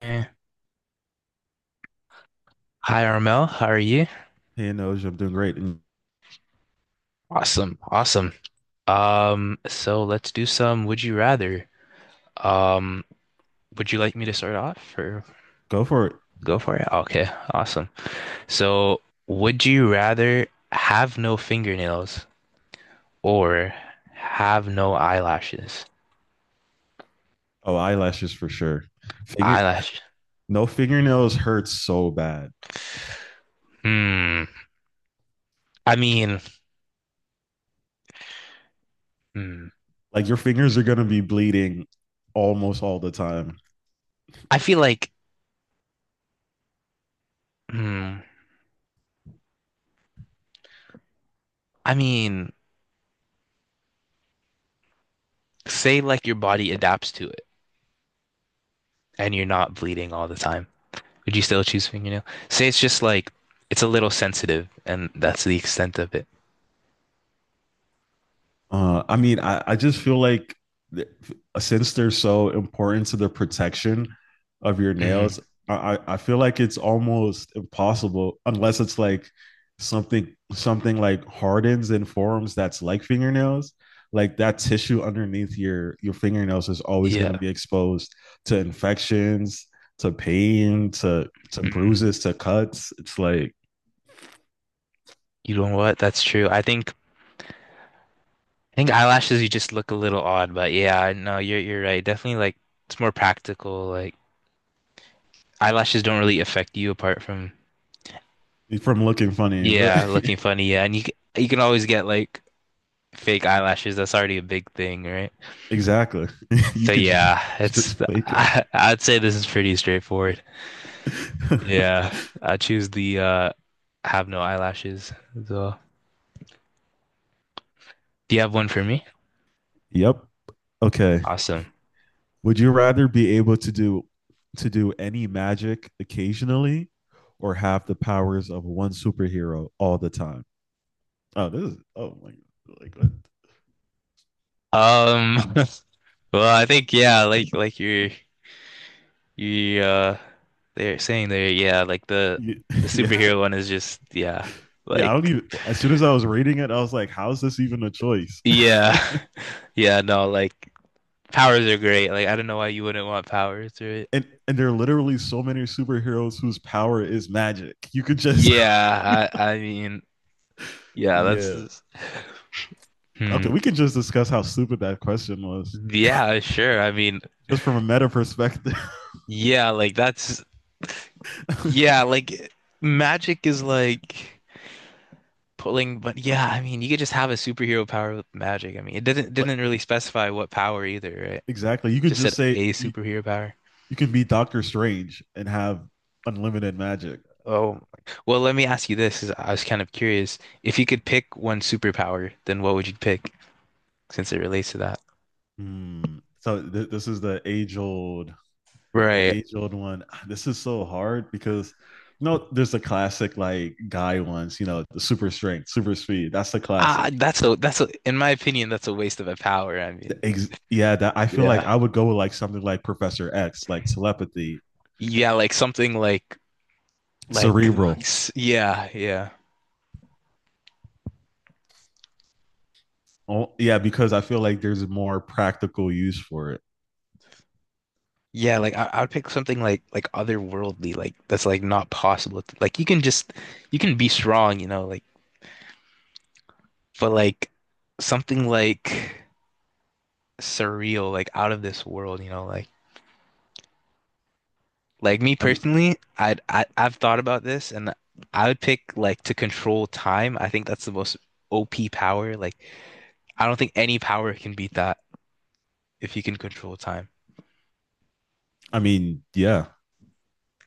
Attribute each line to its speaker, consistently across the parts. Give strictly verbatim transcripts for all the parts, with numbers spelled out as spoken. Speaker 1: Eh. Hi, Armel. How are you?
Speaker 2: Hey, nose, I'm doing great. And
Speaker 1: Awesome. Awesome. Um, so let's do some would you rather. Um, would you like me to start off or
Speaker 2: go for it.
Speaker 1: go for it? Okay, awesome. So, would you rather have no fingernails or have no eyelashes?
Speaker 2: Oh, eyelashes for sure. Finger,
Speaker 1: Eyelash.
Speaker 2: no fingernails hurt so bad.
Speaker 1: Hmm. I mean, hmm.
Speaker 2: Like your fingers are gonna be bleeding almost all the time.
Speaker 1: I feel like, hmm. I mean, say like your body adapts to it and you're not bleeding all the time. Would you still choose fingernail? Say it's just like it's a little sensitive, and that's the extent of it.
Speaker 2: Uh, I mean, I, I just feel like th- since they're so important to the protection of your
Speaker 1: Hmm.
Speaker 2: nails, I, I I feel like it's almost impossible unless it's like something something like hardens and forms that's like fingernails. Like that tissue underneath your your fingernails is always going
Speaker 1: Yeah.
Speaker 2: to be exposed to infections, to pain, to to
Speaker 1: Mm.
Speaker 2: bruises, to cuts. It's like
Speaker 1: You know what? That's true. I think I think eyelashes you just look a little odd, but yeah, I- no, you're you're right. Definitely like it's more practical. Like eyelashes don't really affect you apart from,
Speaker 2: from looking funny, right?
Speaker 1: yeah, looking funny. Yeah, and you c- you can always get like fake eyelashes. That's already a big thing, right?
Speaker 2: Exactly. You
Speaker 1: So
Speaker 2: could just
Speaker 1: yeah, it's
Speaker 2: just fake it.
Speaker 1: I, I'd say this is pretty straightforward. Yeah, I choose the uh have no eyelashes as well. Do you have one for me?
Speaker 2: Yep. Okay.
Speaker 1: Awesome.
Speaker 2: Would you rather be able to do to do any magic occasionally or have the powers of one superhero all the time? Oh, this is oh my like what?
Speaker 1: Um well, I think yeah, like like you're you uh they're saying there, yeah, like the
Speaker 2: Ye-
Speaker 1: the
Speaker 2: yeah
Speaker 1: superhero one is just yeah,
Speaker 2: yeah, I don't
Speaker 1: like
Speaker 2: even, as soon as I was reading it I was like, how is this even a choice?
Speaker 1: yeah. Yeah, no, like powers are great. Like I don't know why you wouldn't want powers, right?
Speaker 2: and and there are literally so many superheroes whose power is magic, you could just
Speaker 1: Yeah, I I mean yeah, that's
Speaker 2: yeah,
Speaker 1: just- Hmm.
Speaker 2: okay, we can just discuss how stupid that question was,
Speaker 1: Yeah, sure. I mean,
Speaker 2: just from a meta perspective.
Speaker 1: yeah, like that's Yeah, like magic is like pulling, but yeah, I mean, you could just have a superhero power with magic. I mean, it didn't didn't really specify what power either, right?
Speaker 2: Exactly, you could
Speaker 1: Just
Speaker 2: just
Speaker 1: said
Speaker 2: say
Speaker 1: a
Speaker 2: you,
Speaker 1: superhero power.
Speaker 2: you can be Doctor Strange and have unlimited magic.
Speaker 1: Oh, well, let me ask you this, 'cause I was kind of curious. If you could pick one superpower, then what would you pick since it relates to that?
Speaker 2: Hmm. So th- this is the age old, the
Speaker 1: Right.
Speaker 2: age old one. Ah, this is so hard because you know there's the classic like guy ones. You know, the super strength, super speed. That's the
Speaker 1: Ah,
Speaker 2: classic.
Speaker 1: that's a that's a in my opinion, that's a waste of a power. I mean,
Speaker 2: The ex- yeah, that, I feel like
Speaker 1: yeah.
Speaker 2: I would go with like something like Professor X, like telepathy,
Speaker 1: Yeah, like something like like
Speaker 2: cerebral.
Speaker 1: yeah, yeah.
Speaker 2: Oh, yeah, because I feel like there's more practical use for it.
Speaker 1: Yeah, like I, I would pick something like like otherworldly, like that's like not possible. to- Like you can just you can be strong, you know, like but like something like surreal, like out of this world, you know, like like me
Speaker 2: I mean,
Speaker 1: personally, I'd I, I've thought about this and I would pick like to control time. I think that's the most O P power. Like I don't think any power can beat that if you can control time.
Speaker 2: I mean, yeah,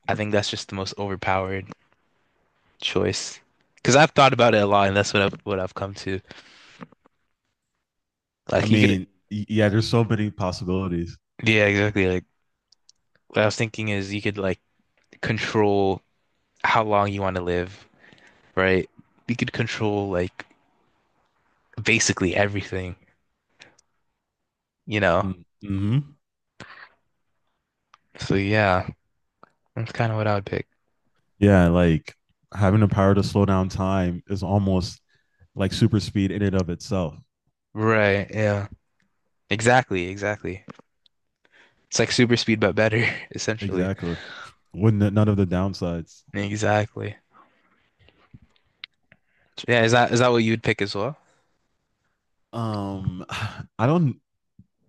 Speaker 1: I think that's just the most overpowered choice. Because I've thought about it a lot, and that's what I've what I've come to.
Speaker 2: I
Speaker 1: Like you could.
Speaker 2: mean, yeah. There's so many possibilities.
Speaker 1: Yeah, exactly. Like what I was thinking is you could like control how long you want to live, right? You could control like basically everything, you know?
Speaker 2: Mm-hmm.
Speaker 1: So yeah, that's kind of what I would pick.
Speaker 2: Yeah, like having the power to slow down time is almost like super speed in and of itself.
Speaker 1: Right, yeah. Exactly, exactly. It's like super speed but better, essentially.
Speaker 2: Exactly. With n- none of the downsides.
Speaker 1: Exactly. Yeah, is that is that what you'd pick as well?
Speaker 2: Um, I don't.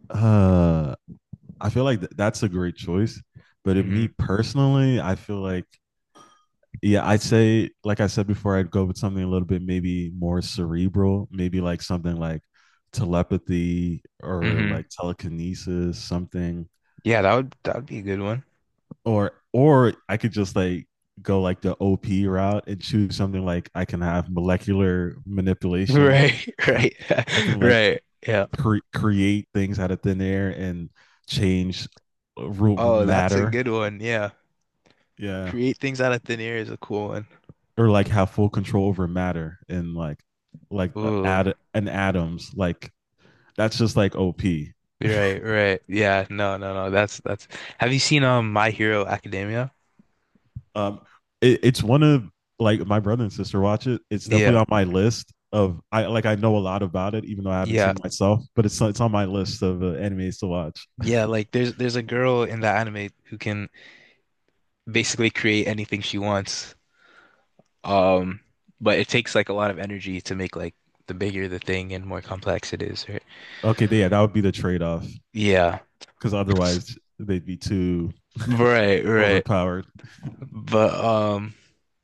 Speaker 2: Uh, I feel like th- that's a great choice, but it,
Speaker 1: Hmm.
Speaker 2: me personally, I feel like yeah, I'd say like I said before, I'd go with something a little bit maybe more cerebral, maybe like something like telepathy or
Speaker 1: Hmm.
Speaker 2: like telekinesis, something
Speaker 1: Yeah, that would that would be a good one.
Speaker 2: or or I could just like go like the O P route and choose something like I can have molecular manipulation.
Speaker 1: Right, right,
Speaker 2: I can like
Speaker 1: right. Yeah.
Speaker 2: cre- create things out of thin air and change ru-
Speaker 1: Oh, that's a
Speaker 2: matter.
Speaker 1: good one. Yeah.
Speaker 2: Yeah,
Speaker 1: Create things out of thin air is a cool one.
Speaker 2: or like have full control over matter and like like uh,
Speaker 1: Ooh,
Speaker 2: add an atoms. Like that's just like O P.
Speaker 1: right, right. Yeah, no, no, no. That's that's. Have you seen um My Hero Academia?
Speaker 2: Um, it, it's one of like my brother and sister watch it. It's definitely
Speaker 1: Yeah,
Speaker 2: on my list of I like I know a lot about it, even though I haven't
Speaker 1: yeah,
Speaker 2: seen it myself. But it's it's on my list of uh, animes to watch.
Speaker 1: yeah. Like there's there's a girl in that anime who can basically create anything she wants. Um, but it takes like a lot of energy to make like the bigger the thing and more complex it is, right?
Speaker 2: Okay, yeah, that would be the trade off
Speaker 1: Yeah.
Speaker 2: because otherwise they'd be too
Speaker 1: Right, right.
Speaker 2: overpowered.
Speaker 1: But um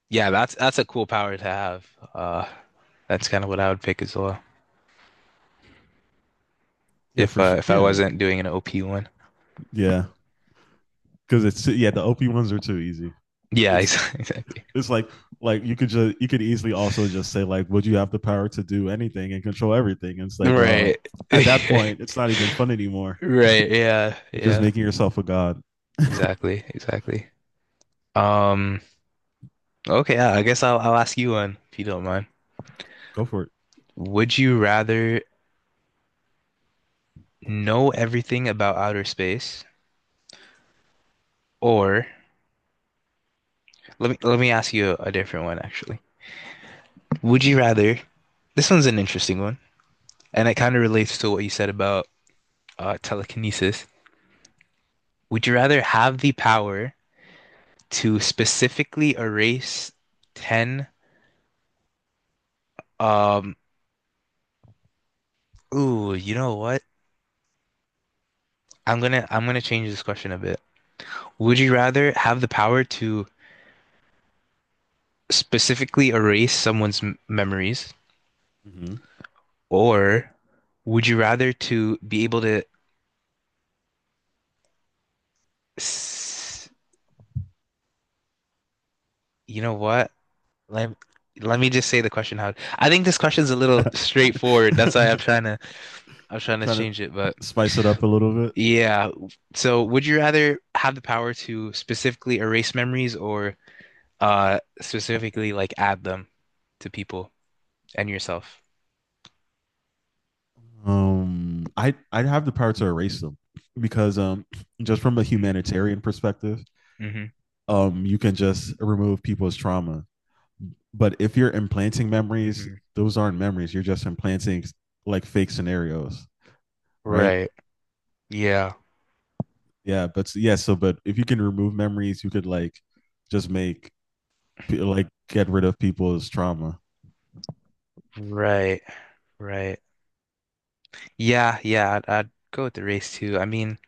Speaker 1: yeah, that's that's a cool power to have. Uh that's kind of what I would pick as well
Speaker 2: Yeah,
Speaker 1: if
Speaker 2: for
Speaker 1: uh,
Speaker 2: sure.
Speaker 1: if I
Speaker 2: Yeah.
Speaker 1: wasn't doing an O P one.
Speaker 2: Yeah, because it's yeah the O P ones are too easy.
Speaker 1: Yeah,
Speaker 2: It's
Speaker 1: exactly.
Speaker 2: it's like like you could just you could easily also just say like, would you have the power to do anything and control everything? And it's like,
Speaker 1: Right.
Speaker 2: well, at that point it's not even fun anymore.
Speaker 1: Right. Yeah.
Speaker 2: You're just
Speaker 1: Yeah.
Speaker 2: making yourself a god.
Speaker 1: Exactly. Exactly. Um, okay, yeah, I guess I'll I'll ask you one if you don't mind.
Speaker 2: Go for it.
Speaker 1: Would you rather know everything about outer space or let me let me ask you a different one actually. Would you rather this one's an interesting one and it kind of relates to what you said about uh, telekinesis. Would you rather have the power to specifically erase ten. Um ooh, you know what? I'm gonna I'm gonna change this question a bit. Would you rather have the power to specifically erase someone's m memories,
Speaker 2: Mm-hmm.
Speaker 1: or would you rather to be able to, s you know what? Let let me just say the question how. I think this question's a little straightforward. That's why I'm trying to I'm trying to
Speaker 2: Trying to
Speaker 1: change it. But
Speaker 2: spice it up a little bit.
Speaker 1: yeah, so would you rather have the power to specifically erase memories or uh specifically like add them to people and yourself?
Speaker 2: Um, i i'd have the power to erase them, because um, just from a
Speaker 1: Mm-hmm.
Speaker 2: humanitarian perspective, um, you can just remove people's trauma. But if you're implanting memories,
Speaker 1: Mm-hmm.
Speaker 2: those aren't memories. You're just implanting like fake scenarios, right?
Speaker 1: Right. Yeah.
Speaker 2: Yeah, but s- yeah, so but if you can remove memories, you could like just make like get rid of people's trauma.
Speaker 1: Right. Right. Yeah. Yeah. I'd, I'd go with the race too. I mean,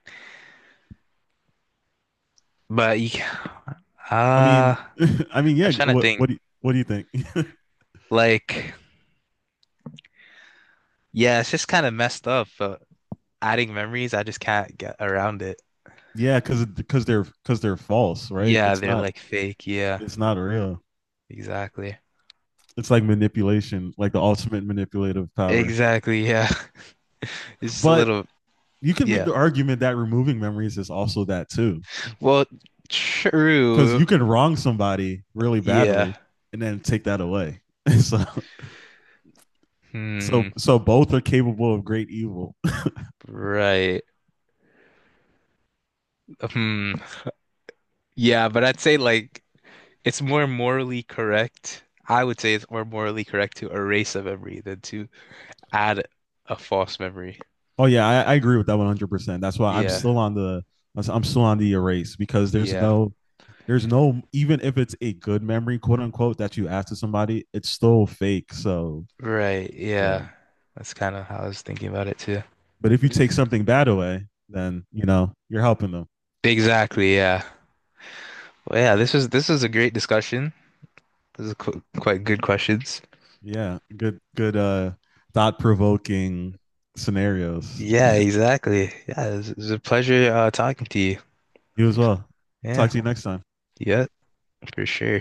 Speaker 1: but you, ca-
Speaker 2: I mean,
Speaker 1: uh,
Speaker 2: I mean,
Speaker 1: I'm
Speaker 2: yeah.
Speaker 1: trying to
Speaker 2: What what
Speaker 1: think.
Speaker 2: do you, what do you think?
Speaker 1: Like, yeah, it's just kind of messed up. But adding memories, I just can't get around it.
Speaker 2: Yeah, because because they're because they're false, right?
Speaker 1: Yeah,
Speaker 2: It's
Speaker 1: they're
Speaker 2: not
Speaker 1: like fake. Yeah.
Speaker 2: it's not real.
Speaker 1: Exactly.
Speaker 2: It's like manipulation, like the ultimate manipulative power.
Speaker 1: Exactly. Yeah. It's just a
Speaker 2: But
Speaker 1: little.
Speaker 2: you can make
Speaker 1: Yeah.
Speaker 2: the argument that removing memories is also that too,
Speaker 1: Well,
Speaker 2: because
Speaker 1: true.
Speaker 2: you can wrong somebody really
Speaker 1: Yeah.
Speaker 2: badly and then take that away. so, so,
Speaker 1: Hmm.
Speaker 2: so both are capable of great evil.
Speaker 1: Right. Hmm. Yeah, but I'd say, like, it's more morally correct. I would say it's more morally correct to erase a memory than to add a false memory.
Speaker 2: Oh yeah, I, I agree with that one hundred percent. That's why I'm
Speaker 1: Yeah,
Speaker 2: still on the I'm still on the erase, because there's
Speaker 1: yeah,
Speaker 2: no there's no, even if it's a good memory, quote unquote, that you ask to somebody, it's still fake. So
Speaker 1: right,
Speaker 2: yeah,
Speaker 1: yeah. That's kind of how I was thinking about it too.
Speaker 2: but if you take something bad away, then you know you're helping them.
Speaker 1: Exactly, yeah. Well, yeah, this was this was a great discussion. This is qu quite good questions.
Speaker 2: Yeah, good, good, uh, thought provoking scenarios.
Speaker 1: Yeah, exactly. Yeah, it was, it was a pleasure uh, talking to you.
Speaker 2: You as well.
Speaker 1: Yeah,
Speaker 2: Talk to you next time.
Speaker 1: yeah, for sure.